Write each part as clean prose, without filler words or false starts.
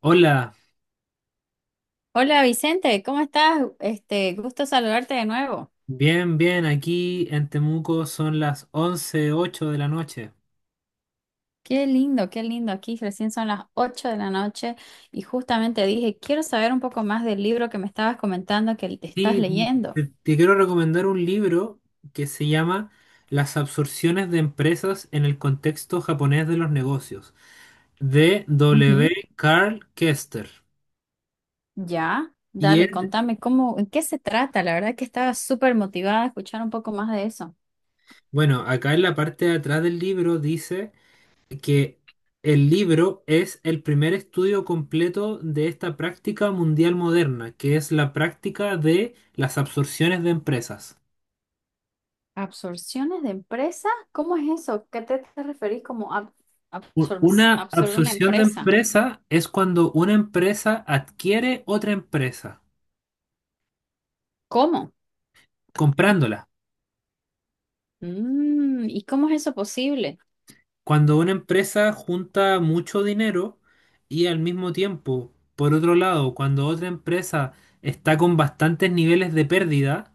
Hola, Hola Vicente, ¿cómo estás? Este, gusto saludarte de nuevo. bien, bien, aquí en Temuco son las once ocho de la noche. Qué lindo, qué lindo. Aquí recién son las 8 de la noche y justamente dije, quiero saber un poco más del libro que me estabas comentando que te estás Sí, leyendo. te quiero recomendar un libro que se llama Las absorciones de empresas en el contexto japonés de los negocios, de W. Ujú. Carl Kester. Ya, Y dale, él, contame cómo, en qué se trata. La verdad que estaba súper motivada a escuchar un poco más de eso. bueno, acá en la parte de atrás del libro dice que el libro es el primer estudio completo de esta práctica mundial moderna, que es la práctica de las absorciones de empresas. ¿Absorciones de empresa? ¿Cómo es eso? ¿Qué te referís como U- Una absorber una absorción de empresa? empresa es cuando una empresa adquiere otra empresa, ¿Cómo? comprándola. Mm, ¿y cómo es eso posible? Cuando una empresa junta mucho dinero y al mismo tiempo, por otro lado, cuando otra empresa está con bastantes niveles de pérdida,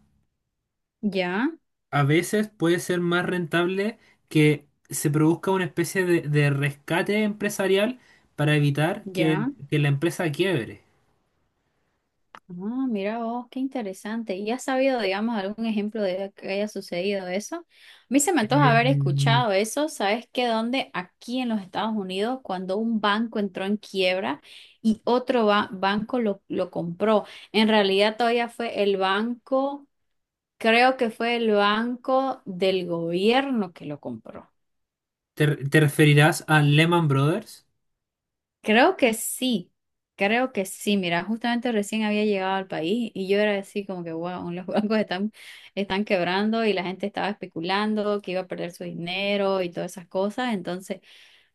Ya. a veces puede ser más rentable que se produzca una especie de rescate empresarial para evitar que, Ya, que la empresa quiebre. ah, mira vos, qué interesante. ¿Y has sabido, digamos, algún ejemplo de que haya sucedido eso? A mí se me Eh, antoja haber escuchado eso. ¿Sabes qué? Aquí en los Estados Unidos, cuando un banco entró en quiebra y otro banco lo compró, en realidad todavía fue el banco, creo que fue el banco del gobierno que lo compró. te referirás a Lehman Brothers? Creo que sí, creo que sí. Mira, justamente recién había llegado al país y yo era así como que, wow, los bancos están quebrando y la gente estaba especulando que iba a perder su dinero y todas esas cosas. Entonces,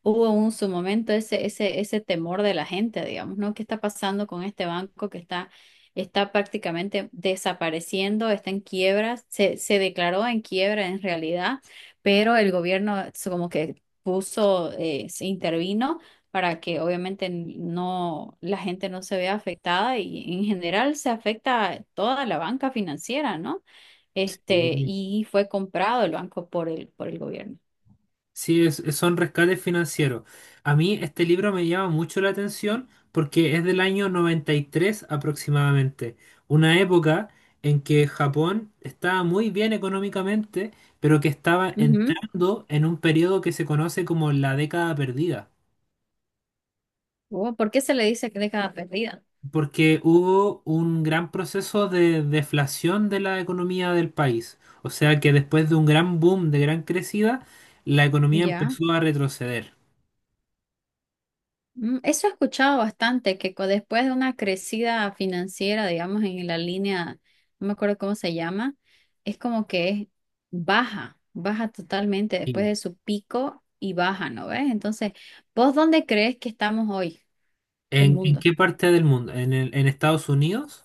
hubo un su momento ese temor de la gente, digamos, ¿no? ¿Qué está pasando con este banco que está prácticamente desapareciendo, está en quiebra, se declaró en quiebra en realidad, pero el gobierno como que puso, se intervino para que obviamente no, la gente no se vea afectada y en general se afecta toda la banca financiera, ¿no? Este, Sí. y fue comprado el banco por el gobierno. Sí, son rescates financieros. A mí este libro me llama mucho la atención porque es del año 93 aproximadamente, una época en que Japón estaba muy bien económicamente, pero que estaba entrando en un periodo que se conoce como la década perdida, Oh, ¿por qué se le dice década perdida? porque hubo un gran proceso de deflación de la economía del país. O sea que después de un gran boom, de gran crecida, la economía Ya. empezó a retroceder. Mm, eso he escuchado bastante, que después de una crecida financiera, digamos, en la línea, no me acuerdo cómo se llama, es como que es baja, baja totalmente después de su pico y baja, ¿no ves? Entonces, ¿vos dónde crees que estamos hoy, el ¿En mundo? qué parte del mundo? ¿En Estados Unidos?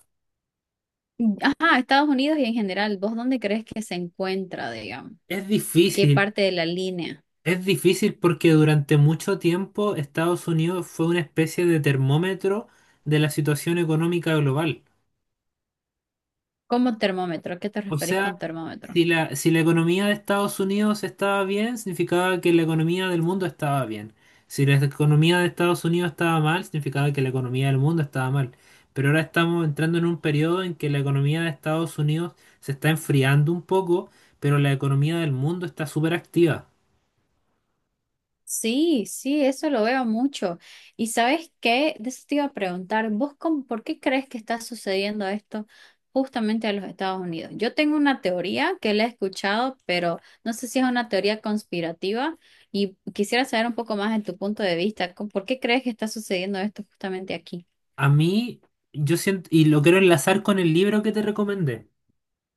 Mm, ajá, Estados Unidos y en general, ¿vos dónde crees que se encuentra, digamos? Es ¿En qué difícil, parte de la línea? es difícil porque durante mucho tiempo Estados Unidos fue una especie de termómetro de la situación económica global. Como termómetro, ¿a qué te O referís sea, con termómetro? si la economía de Estados Unidos estaba bien, significaba que la economía del mundo estaba bien. Si la economía de Estados Unidos estaba mal, significaba que la economía del mundo estaba mal. Pero ahora estamos entrando en un periodo en que la economía de Estados Unidos se está enfriando un poco, pero la economía del mundo está súper activa. Sí, sí, eso lo veo mucho. ¿Y sabes qué? De eso te iba a preguntar, ¿vos por qué crees que está sucediendo esto justamente a los Estados Unidos? Yo tengo una teoría que la he escuchado, pero no sé si es una teoría conspirativa y quisiera saber un poco más de tu punto de vista. ¿Por qué crees que está sucediendo esto justamente aquí? A mí, yo siento, y lo quiero enlazar con el libro que te recomendé.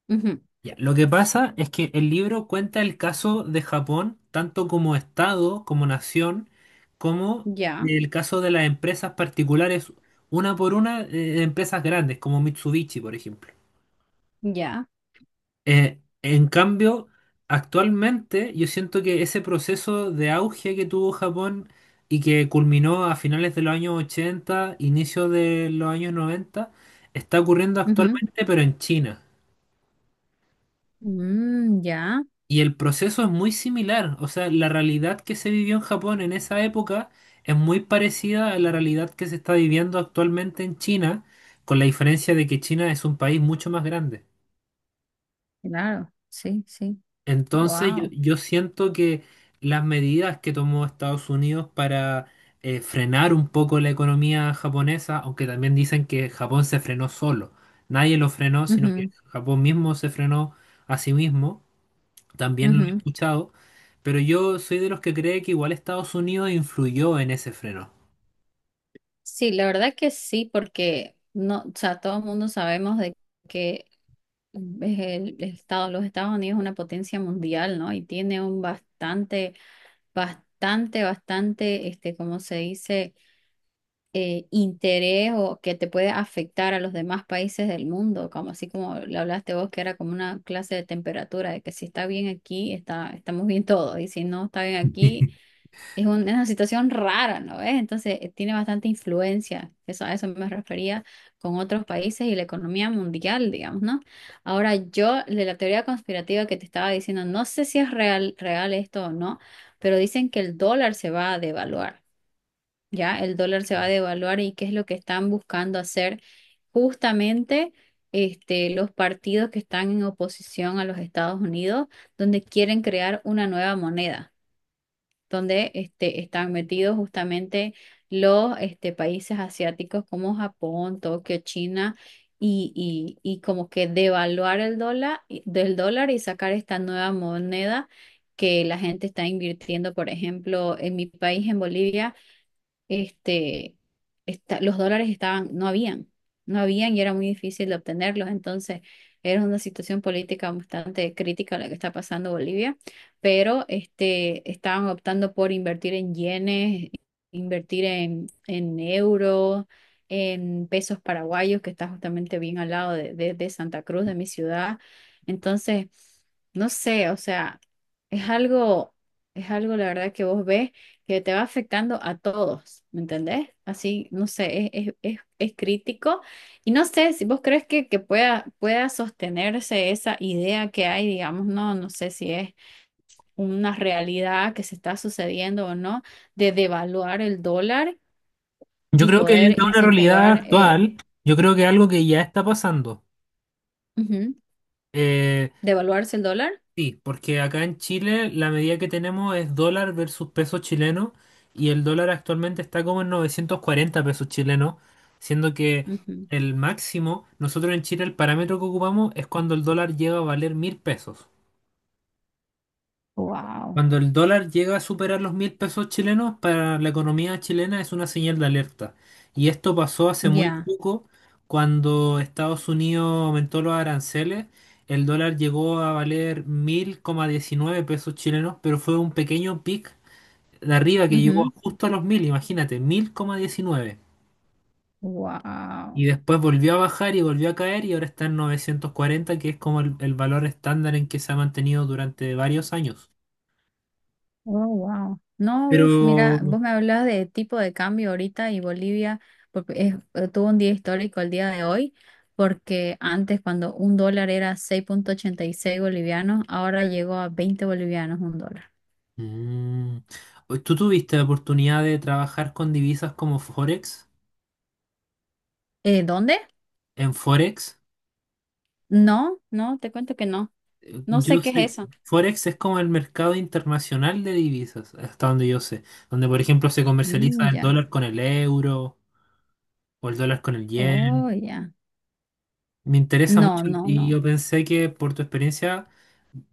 Ujú, Ya, lo que pasa es que el libro cuenta el caso de Japón, tanto como Estado, como nación, como ya, el caso de las empresas particulares, una por una, empresas grandes, como Mitsubishi, por ejemplo. ya, En cambio, actualmente yo siento que ese proceso de auge que tuvo Japón y que culminó a finales de los años 80, inicio de los años 90, está ocurriendo ujú, actualmente, pero en China. mm, ya, Y el proceso es muy similar, o sea, la realidad que se vivió en Japón en esa época es muy parecida a la realidad que se está viviendo actualmente en China, con la diferencia de que China es un país mucho más grande. claro, sí, sí, Entonces yo, wow. yo siento que las medidas que tomó Estados Unidos para frenar un poco la economía japonesa, aunque también dicen que Japón se frenó solo, nadie lo frenó, sino que Japón mismo se frenó a sí mismo También lo he escuchado, pero yo soy de los que cree que igual Estados Unidos influyó en ese freno. Sí, la verdad que sí, porque no, o sea, todo el mundo sabemos de que es los Estados Unidos es una potencia mundial, ¿no? Y tiene un bastante, bastante, bastante, este, como se dice, interés o que te puede afectar a los demás países del mundo, como así como le hablaste vos, que era como una clase de temperatura, de que si está bien aquí, estamos bien todos, y si no está bien aquí es es una situación rara, ¿no ves? Entonces, tiene bastante influencia. A eso me refería con otros países y la economía mundial, digamos, ¿no? Ahora, yo, de la teoría conspirativa que te estaba diciendo, no sé si es real, real esto o no, pero dicen que el dólar se va a devaluar, ¿ya? El dólar se va a devaluar y qué es lo que están buscando hacer justamente este, los partidos que están en oposición a los Estados Unidos, donde quieren crear una nueva moneda donde este, están metidos justamente los este, países asiáticos como Japón, Tokio, China, y, y como que devaluar el dólar, del dólar y sacar esta nueva moneda que la gente está invirtiendo, por ejemplo, en mi país, en Bolivia este, los dólares estaban, no habían y era muy difícil de obtenerlos. Entonces, era una situación política bastante crítica la que está pasando Bolivia, pero este, estaban optando por invertir en yenes, invertir en euros, en pesos paraguayos, que está justamente bien al lado de Santa Cruz, de mi ciudad. Entonces, no sé, o sea, es algo, es algo la verdad que vos ves que te va afectando a todos, ¿me entendés? Así, no sé, es crítico y no sé si vos crees que pueda sostenerse esa idea que hay, digamos, no, no sé si es una realidad que se está sucediendo o no, de devaluar el dólar Yo y creo que es poder una realidad incentivar, actual, yo creo que es algo que ya está pasando. ujú, Eh, devaluarse el dólar. sí, porque acá en Chile la medida que tenemos es dólar versus peso chileno y el dólar actualmente está como en 940 pesos chilenos, siendo que el máximo, nosotros en Chile el parámetro que ocupamos es cuando el dólar llega a valer mil pesos. Wow, Cuando el dólar llega a superar los mil pesos chilenos, para la economía chilena es una señal de alerta. Y esto pasó hace muy ya, poco, cuando Estados Unidos aumentó los aranceles, el dólar llegó a valer 1000,19 pesos chilenos, pero fue un pequeño pic de arriba que llegó justo a los 1.000 imagínate, 1000,19 Y wow. después volvió a bajar y volvió a caer y ahora está en 940 que es como el valor estándar en que se ha mantenido durante varios años. Oh, wow. No, uf, Pero. mira, vos me hablabas de tipo de cambio ahorita y Bolivia porque tuvo un día histórico el día de hoy, porque antes cuando un dólar era 6,86 bolivianos, ahora llegó a 20 bolivianos un dólar. Mm. ¿Tú tuviste la oportunidad de trabajar con divisas como Forex? ¿Dónde? En Forex, No, no, te cuento que no. No sé yo qué es sé, eso. Forex es como el mercado internacional de divisas, hasta donde yo sé, donde por ejemplo se comercializa Mm, el ya. dólar con el euro o el dólar con el Oh, yen. ya. Me interesa mucho No, no, y no. yo pensé que por tu experiencia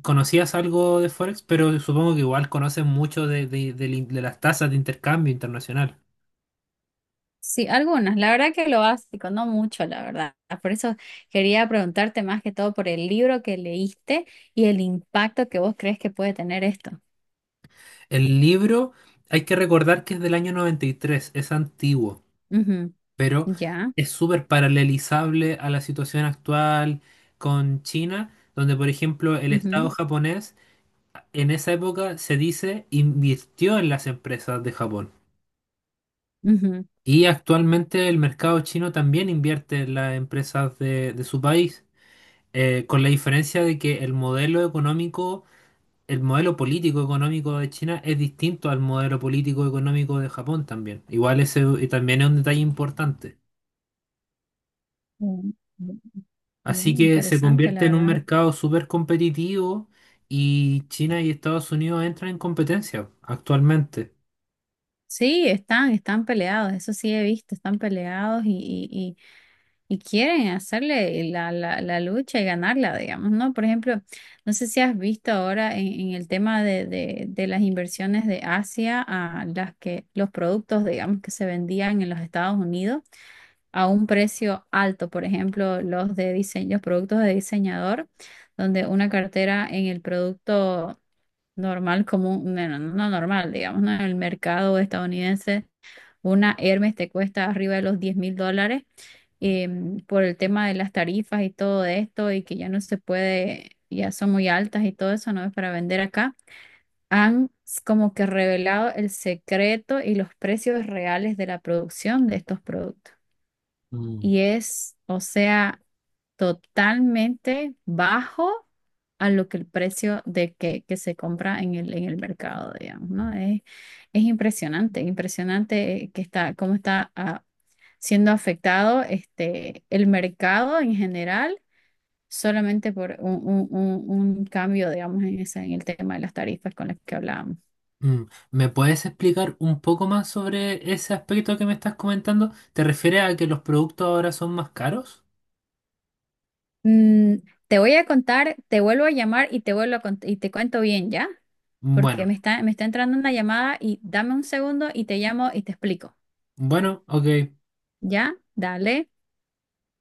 conocías algo de Forex, pero supongo que igual conoces mucho de, de las tasas de intercambio internacional. Sí, algunos, la verdad que lo básico, no mucho, la verdad. Por eso quería preguntarte más que todo por el libro que leíste y el impacto que vos crees que puede tener esto. El libro, hay que recordar que es del año 93 es antiguo. Ujú, Pero ya, es súper paralelizable a la situación actual con China, donde por ejemplo el Estado ujú, japonés en esa época se dice invirtió en las empresas de Japón. ujú. Y actualmente el mercado chino también invierte en las empresas de su país, con la diferencia de que el modelo económico, el modelo político económico de China es distinto al modelo político económico de Japón también. Igual ese también es un detalle importante. Mm, mm, Así mm, que se interesante, convierte la en un verdad. mercado súper competitivo y China y Estados Unidos entran en competencia actualmente. Sí, están peleados, eso sí he visto, están peleados y quieren hacerle la lucha y ganarla, digamos, ¿no? Por ejemplo, no sé si has visto ahora en el tema de las inversiones de Asia a las que los productos, digamos, que se vendían en los Estados Unidos a un precio alto, por ejemplo, los de diseño, los productos de diseñador, donde una cartera en el producto normal común, bueno, no normal, digamos, ¿no? En el mercado estadounidense, una Hermes te cuesta arriba de los 10.000 dólares por el tema de las tarifas y todo esto y que ya no se puede, ya son muy altas y todo eso, no es para vender acá. Han como que revelado el secreto y los precios reales de la producción de estos productos. Mm. Y es, o sea, totalmente bajo a lo que el precio de que se compra en el mercado, digamos, ¿no? Es impresionante, impresionante que cómo está siendo afectado este, el mercado en general solamente por un cambio, digamos, en el tema de las tarifas con las que hablábamos. Mm, ¿Me puedes explicar un poco más sobre ese aspecto que me estás comentando? ¿Te refieres a que los productos ahora son más caros? Mm, te voy a contar, te vuelvo a llamar y te vuelvo a y te cuento bien, ¿ya? Porque Bueno, me está entrando una llamada y dame un segundo y te llamo y te explico, bueno, ok. ¿ya? Dale.